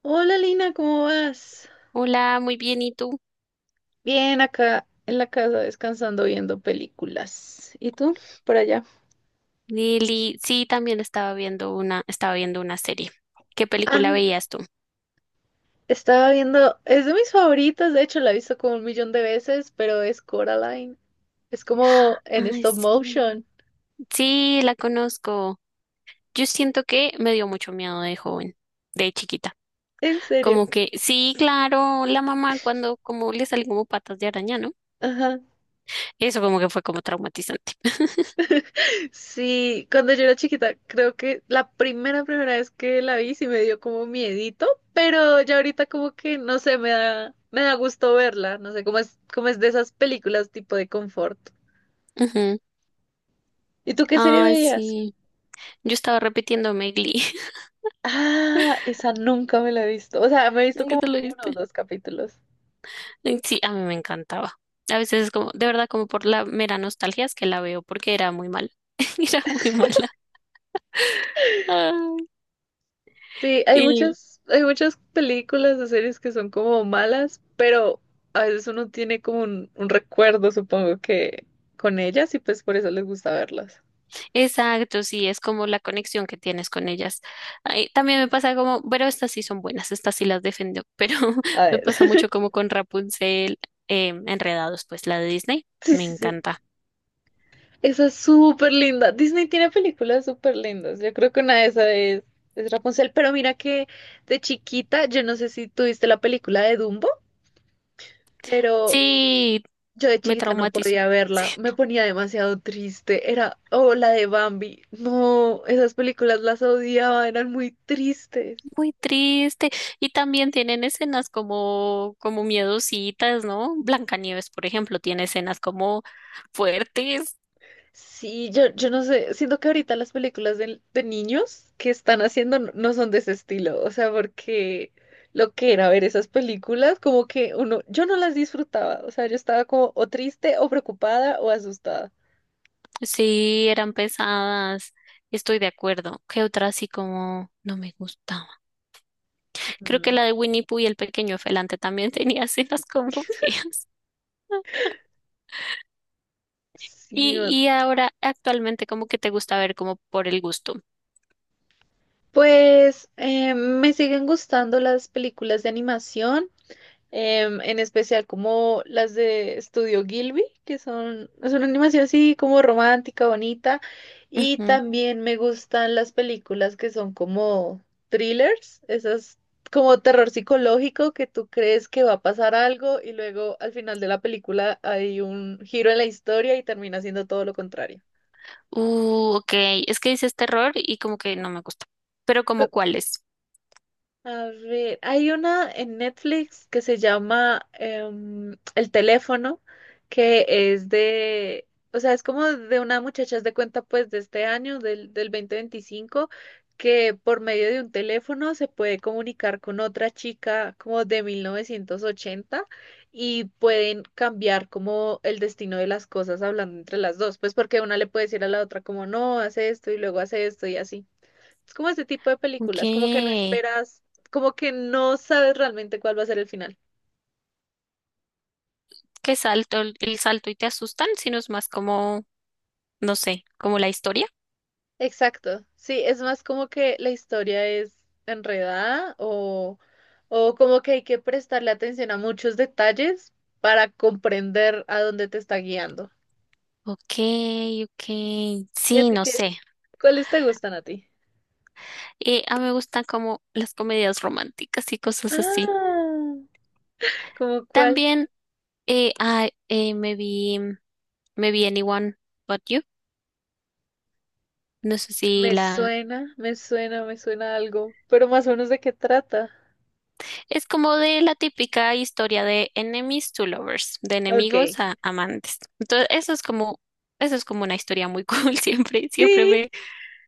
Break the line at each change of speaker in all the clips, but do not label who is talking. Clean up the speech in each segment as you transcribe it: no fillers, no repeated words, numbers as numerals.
Hola Lina, ¿cómo vas?
Hola, muy bien, ¿y tú?
Bien, acá en la casa descansando viendo películas. ¿Y tú? Por allá.
Lili, sí, también estaba viendo una, serie. ¿Qué película
Ah,
veías tú?
Estaba viendo, es de mis favoritas, de hecho la he visto como un millón de veces, pero es Coraline. Es como en
Ay,
stop
sí.
motion.
Sí, la conozco. Yo siento que me dio mucho miedo de joven, de chiquita.
En serio.
Como que, sí, claro, la mamá cuando como le salen como patas de araña, ¿no?
Ajá.
Eso como que fue como traumatizante.
Sí, cuando yo era chiquita, creo que la primera vez que la vi sí me dio como miedito, pero ya ahorita como que, no sé, me da gusto verla, no sé, como es de esas películas tipo de confort.
Ujú.
¿Y tú qué serie
Ay,
veías?
sí. Yo estaba repitiéndome Glee.
Ah, esa nunca me la he visto. O sea, me he visto
Nunca te
como
lo
uno o
viste.
dos capítulos.
Sí, a mí me encantaba. A veces es como, de verdad, como por la mera nostalgia es que la veo porque era muy mala. Era muy mala. Ay,
Sí, hay
y-
muchas, hay muchas películas o series que son como malas, pero a veces uno tiene como un recuerdo, supongo que con ellas y pues por eso les gusta verlas.
exacto, sí, es como la conexión que tienes con ellas. Ay, también me pasa como, pero estas sí son buenas, estas sí las defiendo, pero
A
me pasa
ver.
mucho como con Rapunzel, Enredados, pues la de Disney,
Sí,
me
sí, sí.
encanta.
Esa es súper linda. Disney tiene películas súper lindas. Yo creo que una de esas es Rapunzel. Pero mira que de chiquita, yo no sé si tuviste la película de Dumbo, pero
Sí,
yo de
me
chiquita no
traumatizo.
podía verla, me ponía demasiado triste. Oh, la de Bambi. No, esas películas las odiaba, eran muy tristes.
Muy triste. Y también tienen escenas como, como miedositas, ¿no? Blancanieves, por ejemplo, tiene escenas como fuertes.
Sí, yo no sé, siento que ahorita las películas de niños que están haciendo no, no son de ese estilo, o sea, porque lo que era ver esas películas, como que uno, yo no las disfrutaba, o sea, yo estaba como o triste o preocupada o asustada.
Sí, eran pesadas. Estoy de acuerdo. ¿Qué otra así como no me gustaba? Creo que
Mm,
la de Winnie Pooh y el pequeño felante también tenía escenas como feas.
sí,
Y, y ahora, actualmente, como que te gusta ver como por el gusto.
pues me siguen gustando las películas de animación. En especial como las de Estudio Gilby, que son, es una animación así como romántica, bonita, y
Ujú.
también me gustan las películas que son como thrillers, esas como terror psicológico que tú crees que va a pasar algo y luego al final de la película hay un giro en la historia y termina siendo todo lo contrario.
Ok. Es que dices terror y como que no me gusta. Pero como cuáles.
A ver, hay una en Netflix que se llama El teléfono, que es o sea, es como de una muchacha haz de cuenta pues de este año, del 2025 que por medio de un teléfono se puede comunicar con otra chica como de 1980 y pueden cambiar como el destino de las cosas hablando entre las dos, pues porque una le puede decir a la otra como no, hace esto y luego hace esto y así. Es como ese tipo de
Ok,
películas, como que no esperas, como que no sabes realmente cuál va a ser el final.
que salto el salto y te asustan, sino es más como, no sé, como la historia.
Exacto, sí, es más como que la historia es enredada o como que hay que prestarle atención a muchos detalles para comprender a dónde te está guiando.
Ok, ok.
¿Y a
Sí,
ti
no
qué?
sé.
¿Cuáles te gustan a ti?
A mí me gustan como las comedias románticas y cosas así.
Ah, ¿cómo cuál?
También eh, ah, eh, me vi, me vi Anyone But You. No sé si
Me
la...
suena, me suena, me suena algo, pero más o menos de qué trata.
Es como de la típica historia de enemies to lovers, de
Ok.
enemigos a amantes. Entonces, eso es como una historia muy cool.
Sí,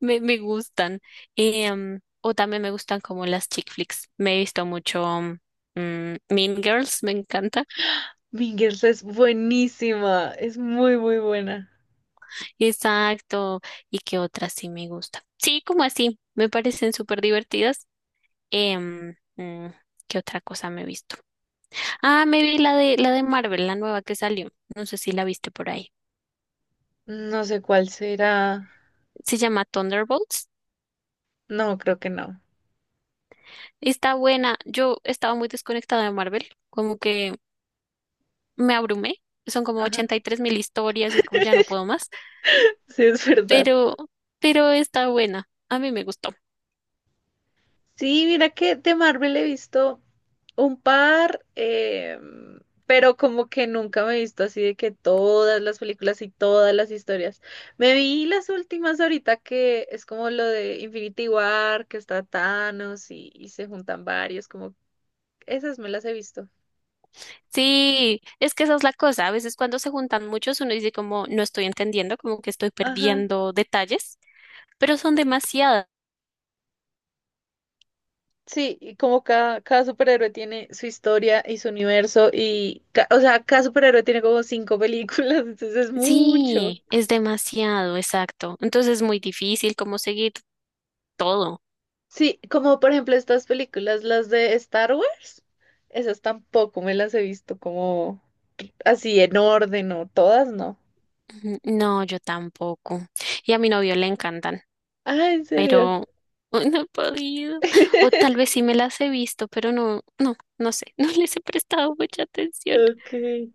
Me, me gustan. O también me gustan como las chick flicks. Me he visto mucho Mean Girls, me encanta.
Mingers es buenísima, es muy, muy buena.
Exacto. ¿Y qué otras sí me gustan? Sí, como así. Me parecen súper divertidas. Em, mm, ¿Qué otra cosa me he visto? Ah, me vi la de Marvel, la nueva que salió. No sé si la viste por ahí.
No sé cuál será.
Se llama Thunderbolts.
No, creo que no.
Está buena. Yo estaba muy desconectada de Marvel. Como que me abrumé. Son como ochenta y
Ajá,
tres mil historias y es como ya no puedo más.
sí, es verdad.
pero, pero está buena. A mí me gustó.
Sí, mira que de Marvel he visto un par, pero como que nunca me he visto así de que todas las películas y todas las historias. Me vi las últimas ahorita que es como lo de Infinity War, que está Thanos y se juntan varios, como esas me las he visto.
Sí, es que esa es la cosa. A veces cuando se juntan muchos, uno dice como no estoy entendiendo, como que estoy
Ajá.
perdiendo detalles, pero son demasiadas.
Sí, y como cada superhéroe tiene su historia y su universo y, o sea, cada superhéroe tiene como cinco películas, entonces es mucho.
Sí, es demasiado, exacto. Entonces es muy difícil como seguir todo.
Sí, como por ejemplo estas películas, las de Star Wars, esas tampoco me las he visto como así en orden o todas, no.
Ujú, no, yo tampoco. Y a mi novio le encantan,
Ah, ¿en serio?
pero ay, no he podido. O tal vez sí me las he visto, pero no sé, no les he prestado mucha atención.
Ok.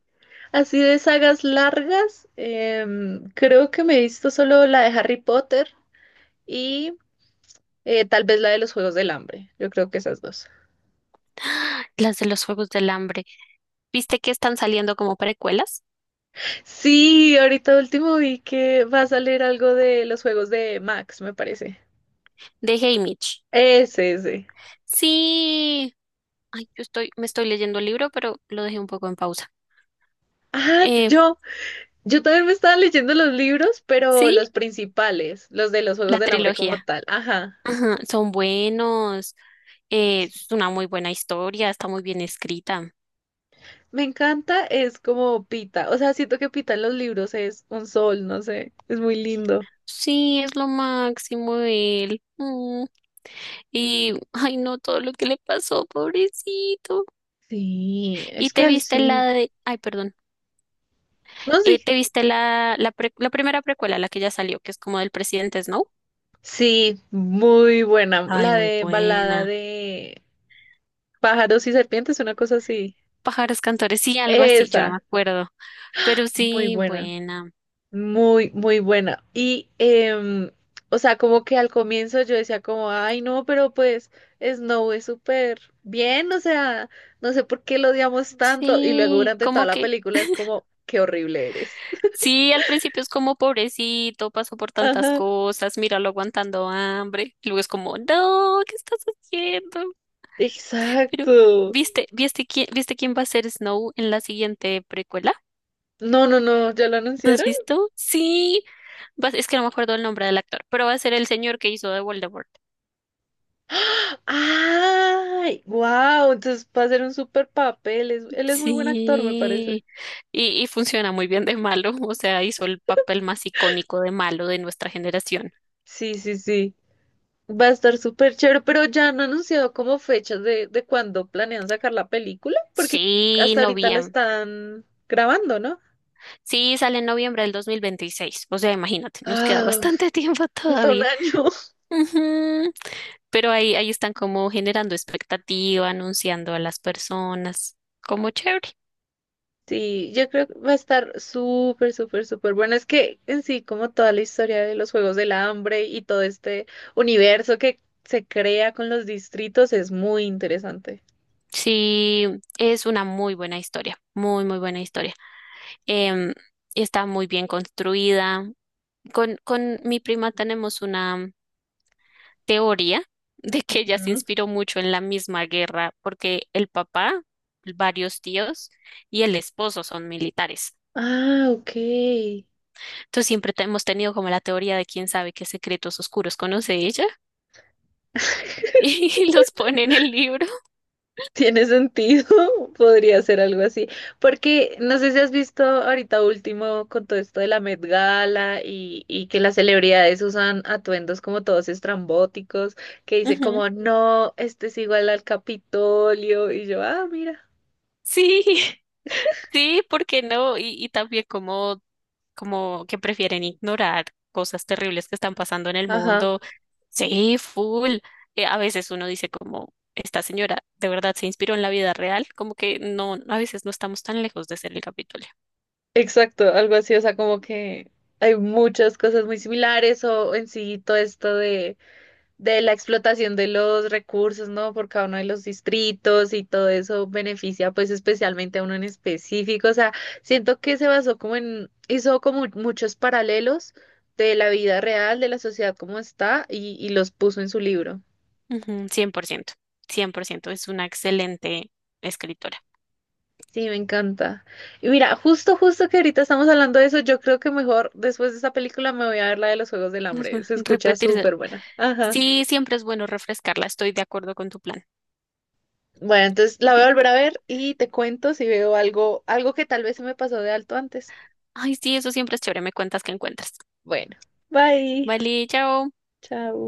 Así de sagas largas, creo que me he visto solo la de Harry Potter y tal vez la de los Juegos del Hambre, yo creo que esas dos.
Las de los Juegos del Hambre. ¿Viste que están saliendo como precuelas
Sí, ahorita último vi que va a salir algo de los juegos de Max, me parece.
de Hey Mitch?
Ese, ese.
Sí. Ay, yo estoy, me estoy leyendo el libro, pero lo dejé un poco en pausa.
Ah, t-
Eh,
yo, yo también me estaba leyendo los libros, pero
sí,
los principales, los de los Juegos
la
del Hambre como
trilogía.
tal. Ajá.
Ajá, son buenos. Es una muy buena historia, está muy bien escrita.
Me encanta, es como Pita. O sea, siento que Pita en los libros es un sol, no sé, es muy lindo.
Sí, es lo máximo él. Y, ay, no, todo lo que le pasó, pobrecito.
Sí,
¿Y
es que
te
él
viste la
sí.
de, ay, perdón,
No, sí.
te viste la primera precuela, la que ya salió, que es como del presidente Snow?
Sí, muy buena.
Ay,
La
muy
de balada
buena.
de pájaros y serpientes, una cosa así.
Pájaros cantores, sí, algo así, yo no me
Esa.
acuerdo. Pero
Muy
sí,
buena,
buena.
muy, muy buena. Y, o sea, como que al comienzo yo decía como, ay, no, pero pues Snow es súper bien, o sea, no sé por qué lo odiamos tanto. Y luego
Sí,
durante toda
como
la
que,
película es como, qué horrible eres.
sí, al principio es como pobrecito, pasó por tantas
Ajá,
cosas, míralo aguantando hambre. Luego es como, no, ¿qué estás haciendo? Pero,
exacto.
¿viste quién va a ser Snow en la siguiente precuela?
No, no, no, ¿ya lo
¿No has
anunciaron?
visto? Sí, es que no me acuerdo el nombre del actor, pero va a ser el señor que hizo de Voldemort.
¡Ah! ¡Ay! ¡Wow! Entonces va a ser un súper papel. Él es muy buen actor, me parece.
Sí, y funciona muy bien de malo, o sea, hizo el papel más icónico de malo de nuestra generación.
Sí, sí, sí. Va a estar súper chévere, pero ya han anunciado como fechas de cuándo planean sacar la película, porque
Sí,
hasta ahorita la
noviembre.
están grabando, ¿no?
Sí, sale en noviembre del 2026. O sea, imagínate, nos queda
Ah,
bastante tiempo
falta un
todavía.
año.
Ujú. Pero ahí están como generando expectativa, anunciando a las personas, como chévere.
Sí, yo creo que va a estar súper, súper, súper bueno. Es que en sí, como toda la historia de los Juegos del Hambre y todo este universo que se crea con los distritos es muy interesante.
Sí, es una muy buena historia, muy buena historia. Em, está muy bien construida. Con mi prima tenemos una teoría de que ella se
Ujú.
inspiró mucho en la misma guerra porque el papá, varios tíos y el esposo son militares.
Ah, ok.
Entonces hemos tenido como la teoría de quién sabe qué secretos oscuros conoce ella y los pone en el libro.
Tiene sentido, podría ser algo así, porque no sé si has visto ahorita último con todo esto de la Met Gala y que las celebridades usan atuendos como todos estrambóticos, que dicen
Ujú.
como, no, este es igual al Capitolio, y yo, ah, mira,
Sí, sí, ¿por qué no? Y también como como que prefieren ignorar cosas terribles que están pasando en el
ajá,
mundo. Sí, full. A veces uno dice como, esta señora de verdad se inspiró en la vida real, como que no, a veces no estamos tan lejos de ser el Capitolio.
exacto, algo así, o sea, como que hay muchas cosas muy similares o en sí todo esto de la explotación de los recursos, ¿no? Por cada uno de los distritos y todo eso beneficia pues especialmente a uno en específico. O sea, siento que se basó hizo como muchos paralelos de la vida real, de la sociedad como está y los puso en su libro.
Ujú, 100%, es una excelente escritora.
Sí, me encanta. Y mira, justo, justo que ahorita estamos hablando de eso, yo creo que mejor después de esta película me voy a ver la de los Juegos del Hambre. Se escucha
Repetirse.
súper buena. Ajá.
Sí, siempre es bueno refrescarla, estoy de acuerdo con tu plan.
Bueno, entonces la voy a volver a ver y te cuento si veo algo, algo que tal vez se me pasó de alto antes.
Ay, sí, eso siempre es chévere, me cuentas que encuentras.
Bueno, bye.
Vale, chao.
Chao.